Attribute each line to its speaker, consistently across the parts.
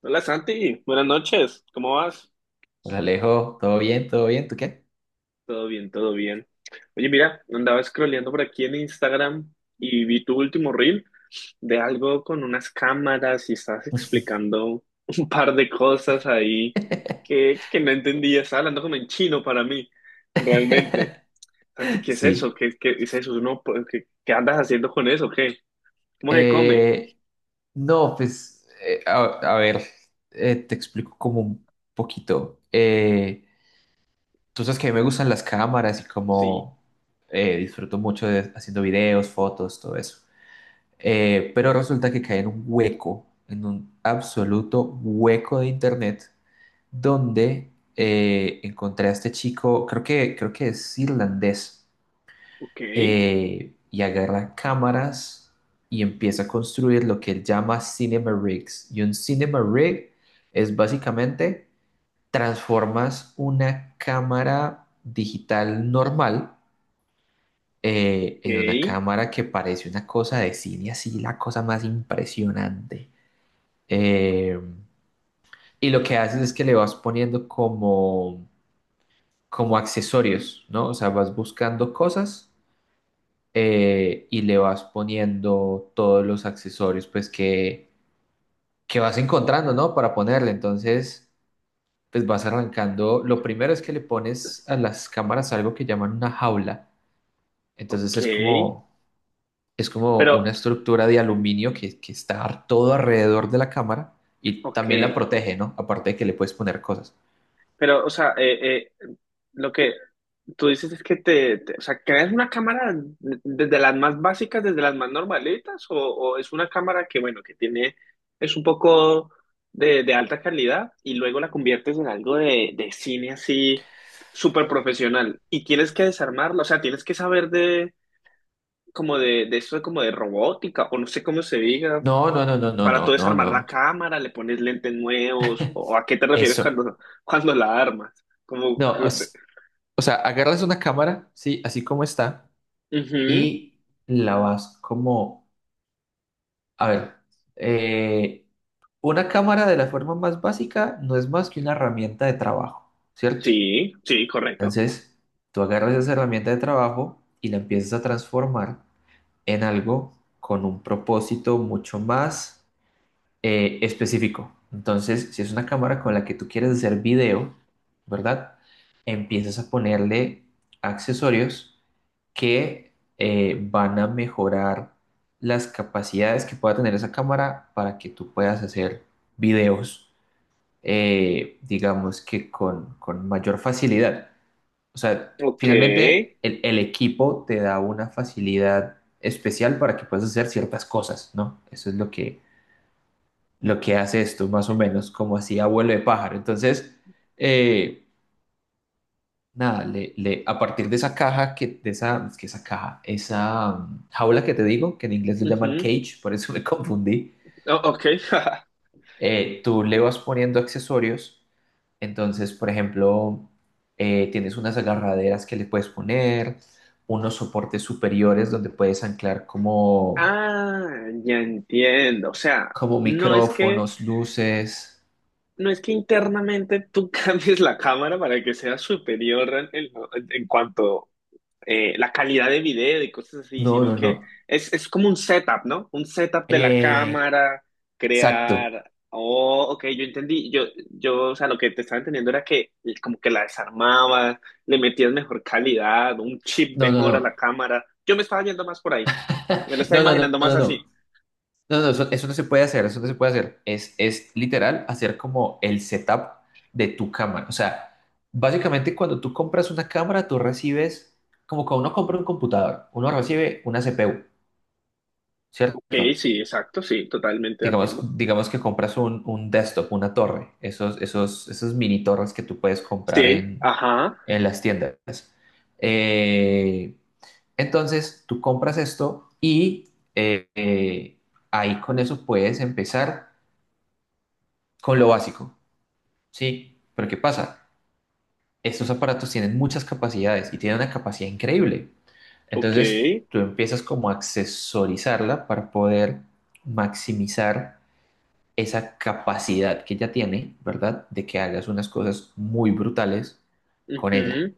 Speaker 1: Hola Santi, buenas noches, ¿cómo vas?
Speaker 2: Hola Alejo, ¿todo bien? ¿Todo bien? ¿Tú qué?
Speaker 1: Todo bien. Oye, mira, andaba scrolleando por aquí en Instagram y vi tu último reel de algo con unas cámaras y estabas explicando un par de cosas ahí que no entendía, estaba hablando como en chino para mí, realmente. Santi, ¿qué es eso?
Speaker 2: Sí.
Speaker 1: ¿Qué es eso? No, pues, ¿qué andas haciendo con eso? ¿Qué? ¿Cómo se come?
Speaker 2: Eh, no, pues, a ver, te explico como un poquito. Tú sabes que a mí me gustan las cámaras y
Speaker 1: Sí,
Speaker 2: como disfruto mucho haciendo videos, fotos, todo eso. Pero resulta que caí en un hueco, en un absoluto hueco de internet, donde encontré a este chico, creo que es irlandés.
Speaker 1: ok,
Speaker 2: Y agarra cámaras y empieza a construir lo que él llama cinema rigs. Y un cinema rig es básicamente transformas una cámara digital normal en una
Speaker 1: ok,
Speaker 2: cámara que parece una cosa de cine, así la cosa más impresionante. Eh, y lo que haces es que le vas poniendo como accesorios, ¿no? O sea, vas buscando cosas y le vas poniendo todos los accesorios pues que vas encontrando, ¿no? Para ponerle. Entonces, pues vas arrancando. Lo primero es que le pones a las cámaras algo que llaman una jaula. Entonces
Speaker 1: ok,
Speaker 2: es como
Speaker 1: pero,
Speaker 2: una estructura de aluminio que está todo alrededor de la cámara y
Speaker 1: ok.
Speaker 2: también la protege, ¿no? Aparte de que le puedes poner cosas.
Speaker 1: Pero, o sea, lo que tú dices es que o sea, ¿creas una cámara desde las más básicas, desde las más normalitas, o es una cámara que, bueno, que tiene, es un poco de alta calidad y luego la conviertes en algo de cine así súper profesional y tienes que desarmarla, o sea, tienes que saber de, como de eso, como de robótica, o no sé cómo se diga,
Speaker 2: No, no, no, no, no,
Speaker 1: para tú
Speaker 2: no, no,
Speaker 1: desarmar la
Speaker 2: no.
Speaker 1: cámara, le pones lentes nuevos, o a qué te refieres
Speaker 2: Eso.
Speaker 1: cuando la armas. Como,
Speaker 2: No, o sea, agarras una cámara, sí, así como está
Speaker 1: ujú.
Speaker 2: y la vas como, a ver, eh, una cámara de la forma más básica no es más que una herramienta de trabajo, ¿cierto?
Speaker 1: Sí, sí, correcto.
Speaker 2: Entonces, tú agarras esa herramienta de trabajo y la empiezas a transformar en algo con un propósito mucho más específico. Entonces, si es una cámara con la que tú quieres hacer video, ¿verdad? Empiezas a ponerle accesorios que van a mejorar las capacidades que pueda tener esa cámara para que tú puedas hacer videos, digamos que con mayor facilidad. O sea,
Speaker 1: Ok.
Speaker 2: finalmente el equipo te da una facilidad especial para que puedas hacer ciertas cosas, ¿no? Eso es lo que hace esto, más o menos, como así abuelo de pájaro. Entonces, eh, nada, a partir de esa caja, que, de esa, es que esa caja, esa jaula que te digo, que en inglés lo llaman
Speaker 1: Ujú.
Speaker 2: cage, por eso me confundí.
Speaker 1: O- ok.
Speaker 2: Tú le vas poniendo accesorios. Entonces, por ejemplo, tienes unas agarraderas que le puedes poner, unos soportes superiores donde puedes anclar como,
Speaker 1: Ah, ya entiendo. O sea,
Speaker 2: como
Speaker 1: no es que,
Speaker 2: micrófonos, luces.
Speaker 1: no es que internamente tú cambies la cámara para que sea superior en cuanto la calidad de video y cosas así,
Speaker 2: No,
Speaker 1: sino
Speaker 2: no,
Speaker 1: que
Speaker 2: no.
Speaker 1: es como un setup, ¿no? Un setup de la
Speaker 2: Eh,
Speaker 1: cámara,
Speaker 2: exacto.
Speaker 1: crear... Oh, ok, yo entendí, o sea, lo que te estaba entendiendo era que como que la desarmabas, le metías mejor calidad, un chip
Speaker 2: No, no,
Speaker 1: mejor a
Speaker 2: no.
Speaker 1: la cámara. Yo me estaba yendo más por ahí, me lo estaba
Speaker 2: No, no, no,
Speaker 1: imaginando más
Speaker 2: no, no.
Speaker 1: así.
Speaker 2: No, no, eso no se puede hacer, eso no se puede hacer. Es literal hacer como el setup de tu cámara. O sea, básicamente cuando tú compras una cámara, tú recibes, como cuando uno compra un computador, uno recibe una CPU,
Speaker 1: Ok,
Speaker 2: ¿cierto?
Speaker 1: sí, exacto, sí, totalmente de
Speaker 2: Digamos,
Speaker 1: acuerdo.
Speaker 2: digamos que compras un desktop, una torre, esos, esos mini torres que tú puedes comprar
Speaker 1: Sí,
Speaker 2: en,
Speaker 1: ajá,
Speaker 2: en las tiendas. Eh, entonces, tú compras esto y eh, eh, ahí con eso puedes empezar con lo básico, ¿sí? Pero ¿qué pasa? Estos aparatos tienen muchas capacidades y tienen una capacidad increíble.
Speaker 1: ok,
Speaker 2: Entonces, tú empiezas como a accesorizarla para poder maximizar esa capacidad que ella tiene, ¿verdad? De que hagas unas cosas muy brutales con ella.
Speaker 1: ujú.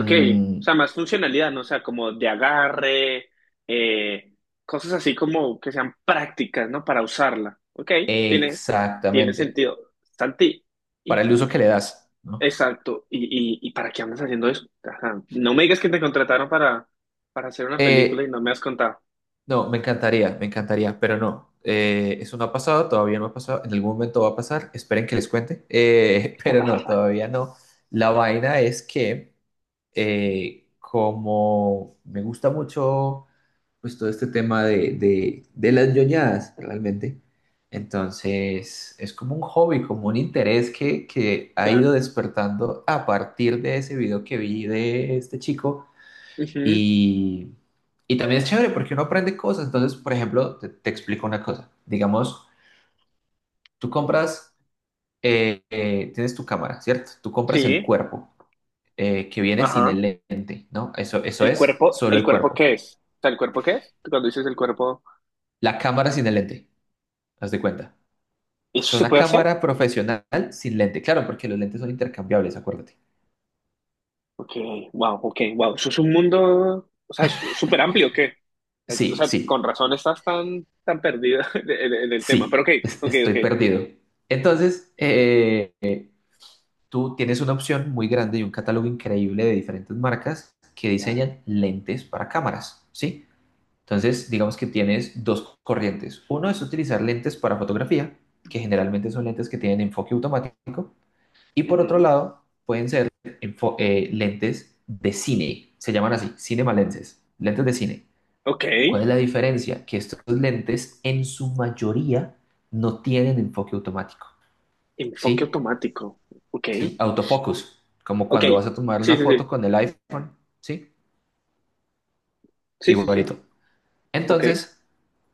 Speaker 1: Ok, o sea, más funcionalidad, ¿no? O sea, como de agarre, eh, cosas así como que sean prácticas, ¿no? Para usarla. Ok, tiene, tiene
Speaker 2: Exactamente.
Speaker 1: sentido. Santi,
Speaker 2: Para
Speaker 1: y,
Speaker 2: el uso que le das, ¿no?
Speaker 1: exacto. ¿Y para qué andas haciendo eso? Ajá, no me digas que te contrataron para hacer una película y
Speaker 2: Eh,
Speaker 1: no me has contado.
Speaker 2: No, me encantaría, pero no. Eso no ha pasado, todavía no ha pasado. En algún momento va a pasar, esperen que les cuente. Pero no, todavía no. La vaina es que, como me gusta mucho pues, todo este tema de las ñoñadas, realmente, entonces es como un hobby, como un interés que ha
Speaker 1: Claro.
Speaker 2: ido despertando a partir de ese video que vi de este chico
Speaker 1: Ujú,
Speaker 2: y, y también es chévere porque uno aprende cosas. Entonces, por ejemplo, te explico una cosa. Digamos, tú compras, tienes tu cámara, ¿cierto? Tú compras el
Speaker 1: sí,
Speaker 2: cuerpo que viene sin
Speaker 1: ajá.
Speaker 2: el lente, ¿no? Eso es solo
Speaker 1: El
Speaker 2: el
Speaker 1: cuerpo
Speaker 2: cuerpo.
Speaker 1: qué es? O sea, ¿el cuerpo qué es? Cuando dices el cuerpo,
Speaker 2: La cámara sin el lente, haz de cuenta. O
Speaker 1: ¿eso
Speaker 2: sea,
Speaker 1: se
Speaker 2: una
Speaker 1: puede hacer?
Speaker 2: cámara profesional sin lente. Claro, porque los lentes son intercambiables, acuérdate.
Speaker 1: Ok, wow, ok, wow. Eso es un mundo, o sea, súper amplio, ¿qué? O
Speaker 2: Sí,
Speaker 1: sea,
Speaker 2: sí,
Speaker 1: con razón estás tan, tan perdida en el tema. Pero ok,
Speaker 2: sí,
Speaker 1: ok,
Speaker 2: estoy
Speaker 1: ok.
Speaker 2: perdido. Entonces, tú tienes una opción muy grande y un catálogo increíble de diferentes marcas que
Speaker 1: Claro.
Speaker 2: diseñan lentes para cámaras, ¿sí? Entonces, digamos que tienes dos corrientes. Uno es utilizar lentes para fotografía, que generalmente son lentes que tienen enfoque automático, y por otro
Speaker 1: Ujú.
Speaker 2: lado, pueden ser lentes de cine, se llaman así, cinema lenses, lentes de cine.
Speaker 1: Ok,
Speaker 2: ¿Cuál es la diferencia? Que estos lentes en su mayoría no tienen enfoque automático,
Speaker 1: enfoque
Speaker 2: ¿sí?
Speaker 1: automático. Ok,
Speaker 2: Sí, autofocus, como
Speaker 1: ok.
Speaker 2: cuando vas a tomar
Speaker 1: Sí,
Speaker 2: una
Speaker 1: sí,
Speaker 2: foto
Speaker 1: sí.
Speaker 2: con el iPhone, ¿sí?
Speaker 1: Sí, sí, sí.
Speaker 2: Igualito.
Speaker 1: Ok,
Speaker 2: Entonces,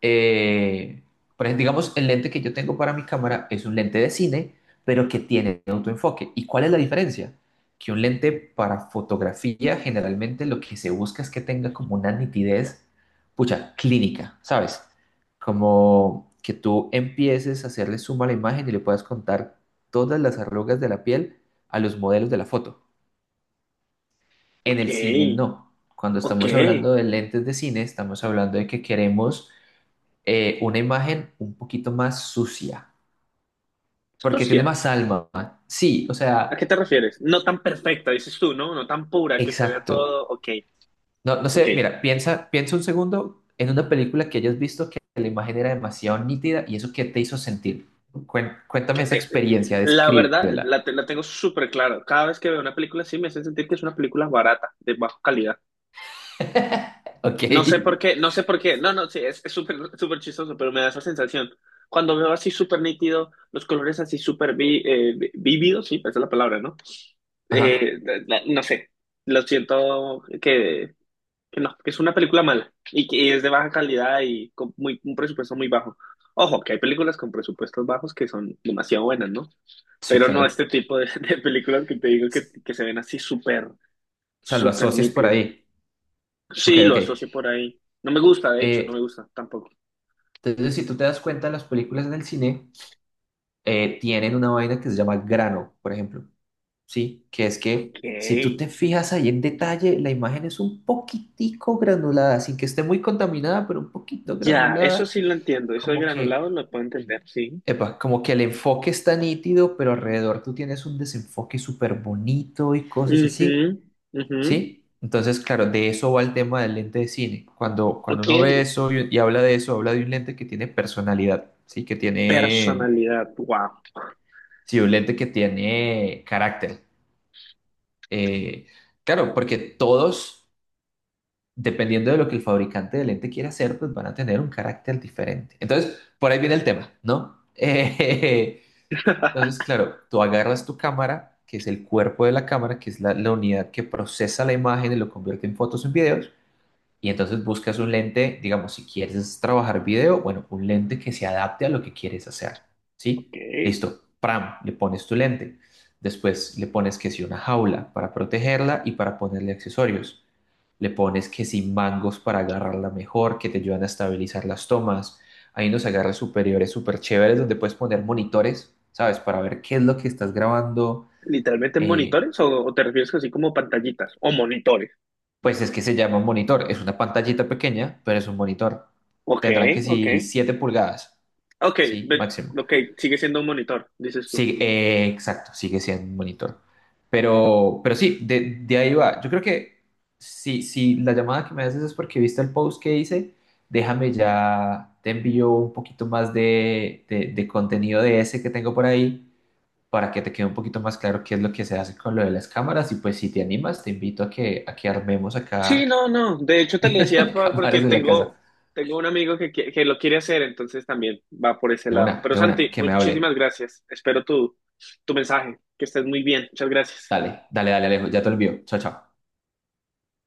Speaker 2: eh, por ejemplo, digamos, el lente que yo tengo para mi cámara es un lente de cine, pero que tiene autoenfoque. ¿Y cuál es la diferencia? Que un lente para fotografía generalmente lo que se busca es que tenga como una nitidez, pucha, clínica, ¿sabes? Como que tú empieces a hacerle suma a la imagen y le puedas contar todas las arrugas de la piel a los modelos de la foto. En
Speaker 1: ok,
Speaker 2: el cine no. Cuando
Speaker 1: ok.
Speaker 2: estamos hablando de lentes de cine, estamos hablando de que queremos una imagen un poquito más sucia, porque tiene
Speaker 1: Socia,
Speaker 2: más alma. Sí, o
Speaker 1: ¿a
Speaker 2: sea,
Speaker 1: qué te refieres? No tan perfecta, dices tú, ¿no? No tan pura que se vea
Speaker 2: exacto.
Speaker 1: todo. Ok,
Speaker 2: No, no
Speaker 1: ok.
Speaker 2: sé, mira, piensa un segundo en una película que hayas visto que la imagen era demasiado nítida y eso qué te hizo sentir. Cuéntame
Speaker 1: que,
Speaker 2: esa
Speaker 1: eh,
Speaker 2: experiencia,
Speaker 1: la verdad,
Speaker 2: descríbela.
Speaker 1: la tengo súper claro. Cada vez que veo una película así me hace sentir que es una película barata, de baja calidad.
Speaker 2: Ok.
Speaker 1: No sé por qué, no sé por qué. No, no, sí, es súper súper chistoso, pero me da esa sensación. Cuando veo así súper nítido, los colores así súper vívidos, sí, esa es la palabra, ¿no?
Speaker 2: Ajá.
Speaker 1: No sé, lo siento que no, que es una película mala y que y es de baja calidad y con muy, un presupuesto muy bajo. Ojo, que hay películas con presupuestos bajos que son demasiado buenas, ¿no?
Speaker 2: Sí,
Speaker 1: Pero no
Speaker 2: claro.
Speaker 1: este tipo de, de películas que te digo
Speaker 2: S-
Speaker 1: que se ven así súper,
Speaker 2: O sea, lo
Speaker 1: súper
Speaker 2: asocias por
Speaker 1: nítidas.
Speaker 2: ahí. Ok,
Speaker 1: Sí,
Speaker 2: ok.
Speaker 1: lo asocio por ahí. No me gusta, de hecho, no me
Speaker 2: Eh,
Speaker 1: gusta tampoco.
Speaker 2: entonces, si tú te das cuenta, las películas en el cine tienen una vaina que se llama grano, por ejemplo, ¿sí? Que es que si tú te
Speaker 1: Ok.
Speaker 2: fijas ahí en detalle, la imagen es un poquitico granulada, sin que esté muy contaminada, pero un poquito
Speaker 1: Ya, eso
Speaker 2: granulada,
Speaker 1: sí lo entiendo. Eso de
Speaker 2: como
Speaker 1: granulado
Speaker 2: que,
Speaker 1: lo puedo entender, sí.
Speaker 2: epa, como que el enfoque está nítido, pero alrededor tú tienes un desenfoque súper bonito y cosas
Speaker 1: Ujú,
Speaker 2: así,
Speaker 1: ujú.
Speaker 2: ¿sí? Entonces, claro, de eso va el tema del lente de cine. Cuando
Speaker 1: Ok.
Speaker 2: uno ve eso y habla de eso, habla de un lente que tiene personalidad, ¿sí? Que tiene...
Speaker 1: Personalidad, wow.
Speaker 2: Sí, un lente que tiene carácter. Eh, claro, porque todos, dependiendo de lo que el fabricante de lente quiera hacer, pues van a tener un carácter diferente. Entonces, por ahí viene el tema, ¿no? Entonces, claro, tú agarras tu cámara, que es el cuerpo de la cámara, que es la unidad que procesa la imagen y lo convierte en fotos, en videos. Y entonces buscas un lente, digamos, si quieres trabajar video, bueno, un lente que se adapte a lo que quieres hacer.
Speaker 1: Ok.
Speaker 2: ¿Sí? Listo. Pram, le pones tu lente. Después le pones que si una jaula para protegerla y para ponerle accesorios. Le pones que si mangos para agarrarla mejor, que te ayudan a estabilizar las tomas. Hay unos agarres superiores súper chéveres donde puedes poner monitores, ¿sabes? Para ver qué es lo que estás grabando.
Speaker 1: ¿Literalmente
Speaker 2: Eh,
Speaker 1: monitores o te refieres así como pantallitas o monitores?
Speaker 2: Pues es que se llama un monitor, es una pantallita pequeña, pero es un monitor.
Speaker 1: Ok,
Speaker 2: Tendrán que
Speaker 1: ok.
Speaker 2: si 7 pulgadas,
Speaker 1: Ok,
Speaker 2: sí, máximo.
Speaker 1: ok, sigue siendo un monitor, dices tú.
Speaker 2: Sí, exacto, sigue siendo un monitor. Pero sí, de ahí va. Yo creo que si la llamada que me haces es porque viste el post que hice, déjame ya, te envío un poquito más de contenido de ese que tengo por ahí para que te quede un poquito más claro qué es lo que se hace con lo de las cámaras. Y pues si te animas, te invito a que armemos
Speaker 1: Sí,
Speaker 2: acá
Speaker 1: no, no. De hecho, te lo decía
Speaker 2: cámaras
Speaker 1: porque
Speaker 2: en la casa.
Speaker 1: tengo, tengo un amigo que, que lo quiere hacer, entonces también va por ese lado. Pero
Speaker 2: De una,
Speaker 1: Santi,
Speaker 2: que me hable.
Speaker 1: muchísimas gracias. Espero tu, tu mensaje. Que estés muy bien. Muchas gracias.
Speaker 2: Dale, dale, dale, Alejo, ya te olvido. Chao, chao.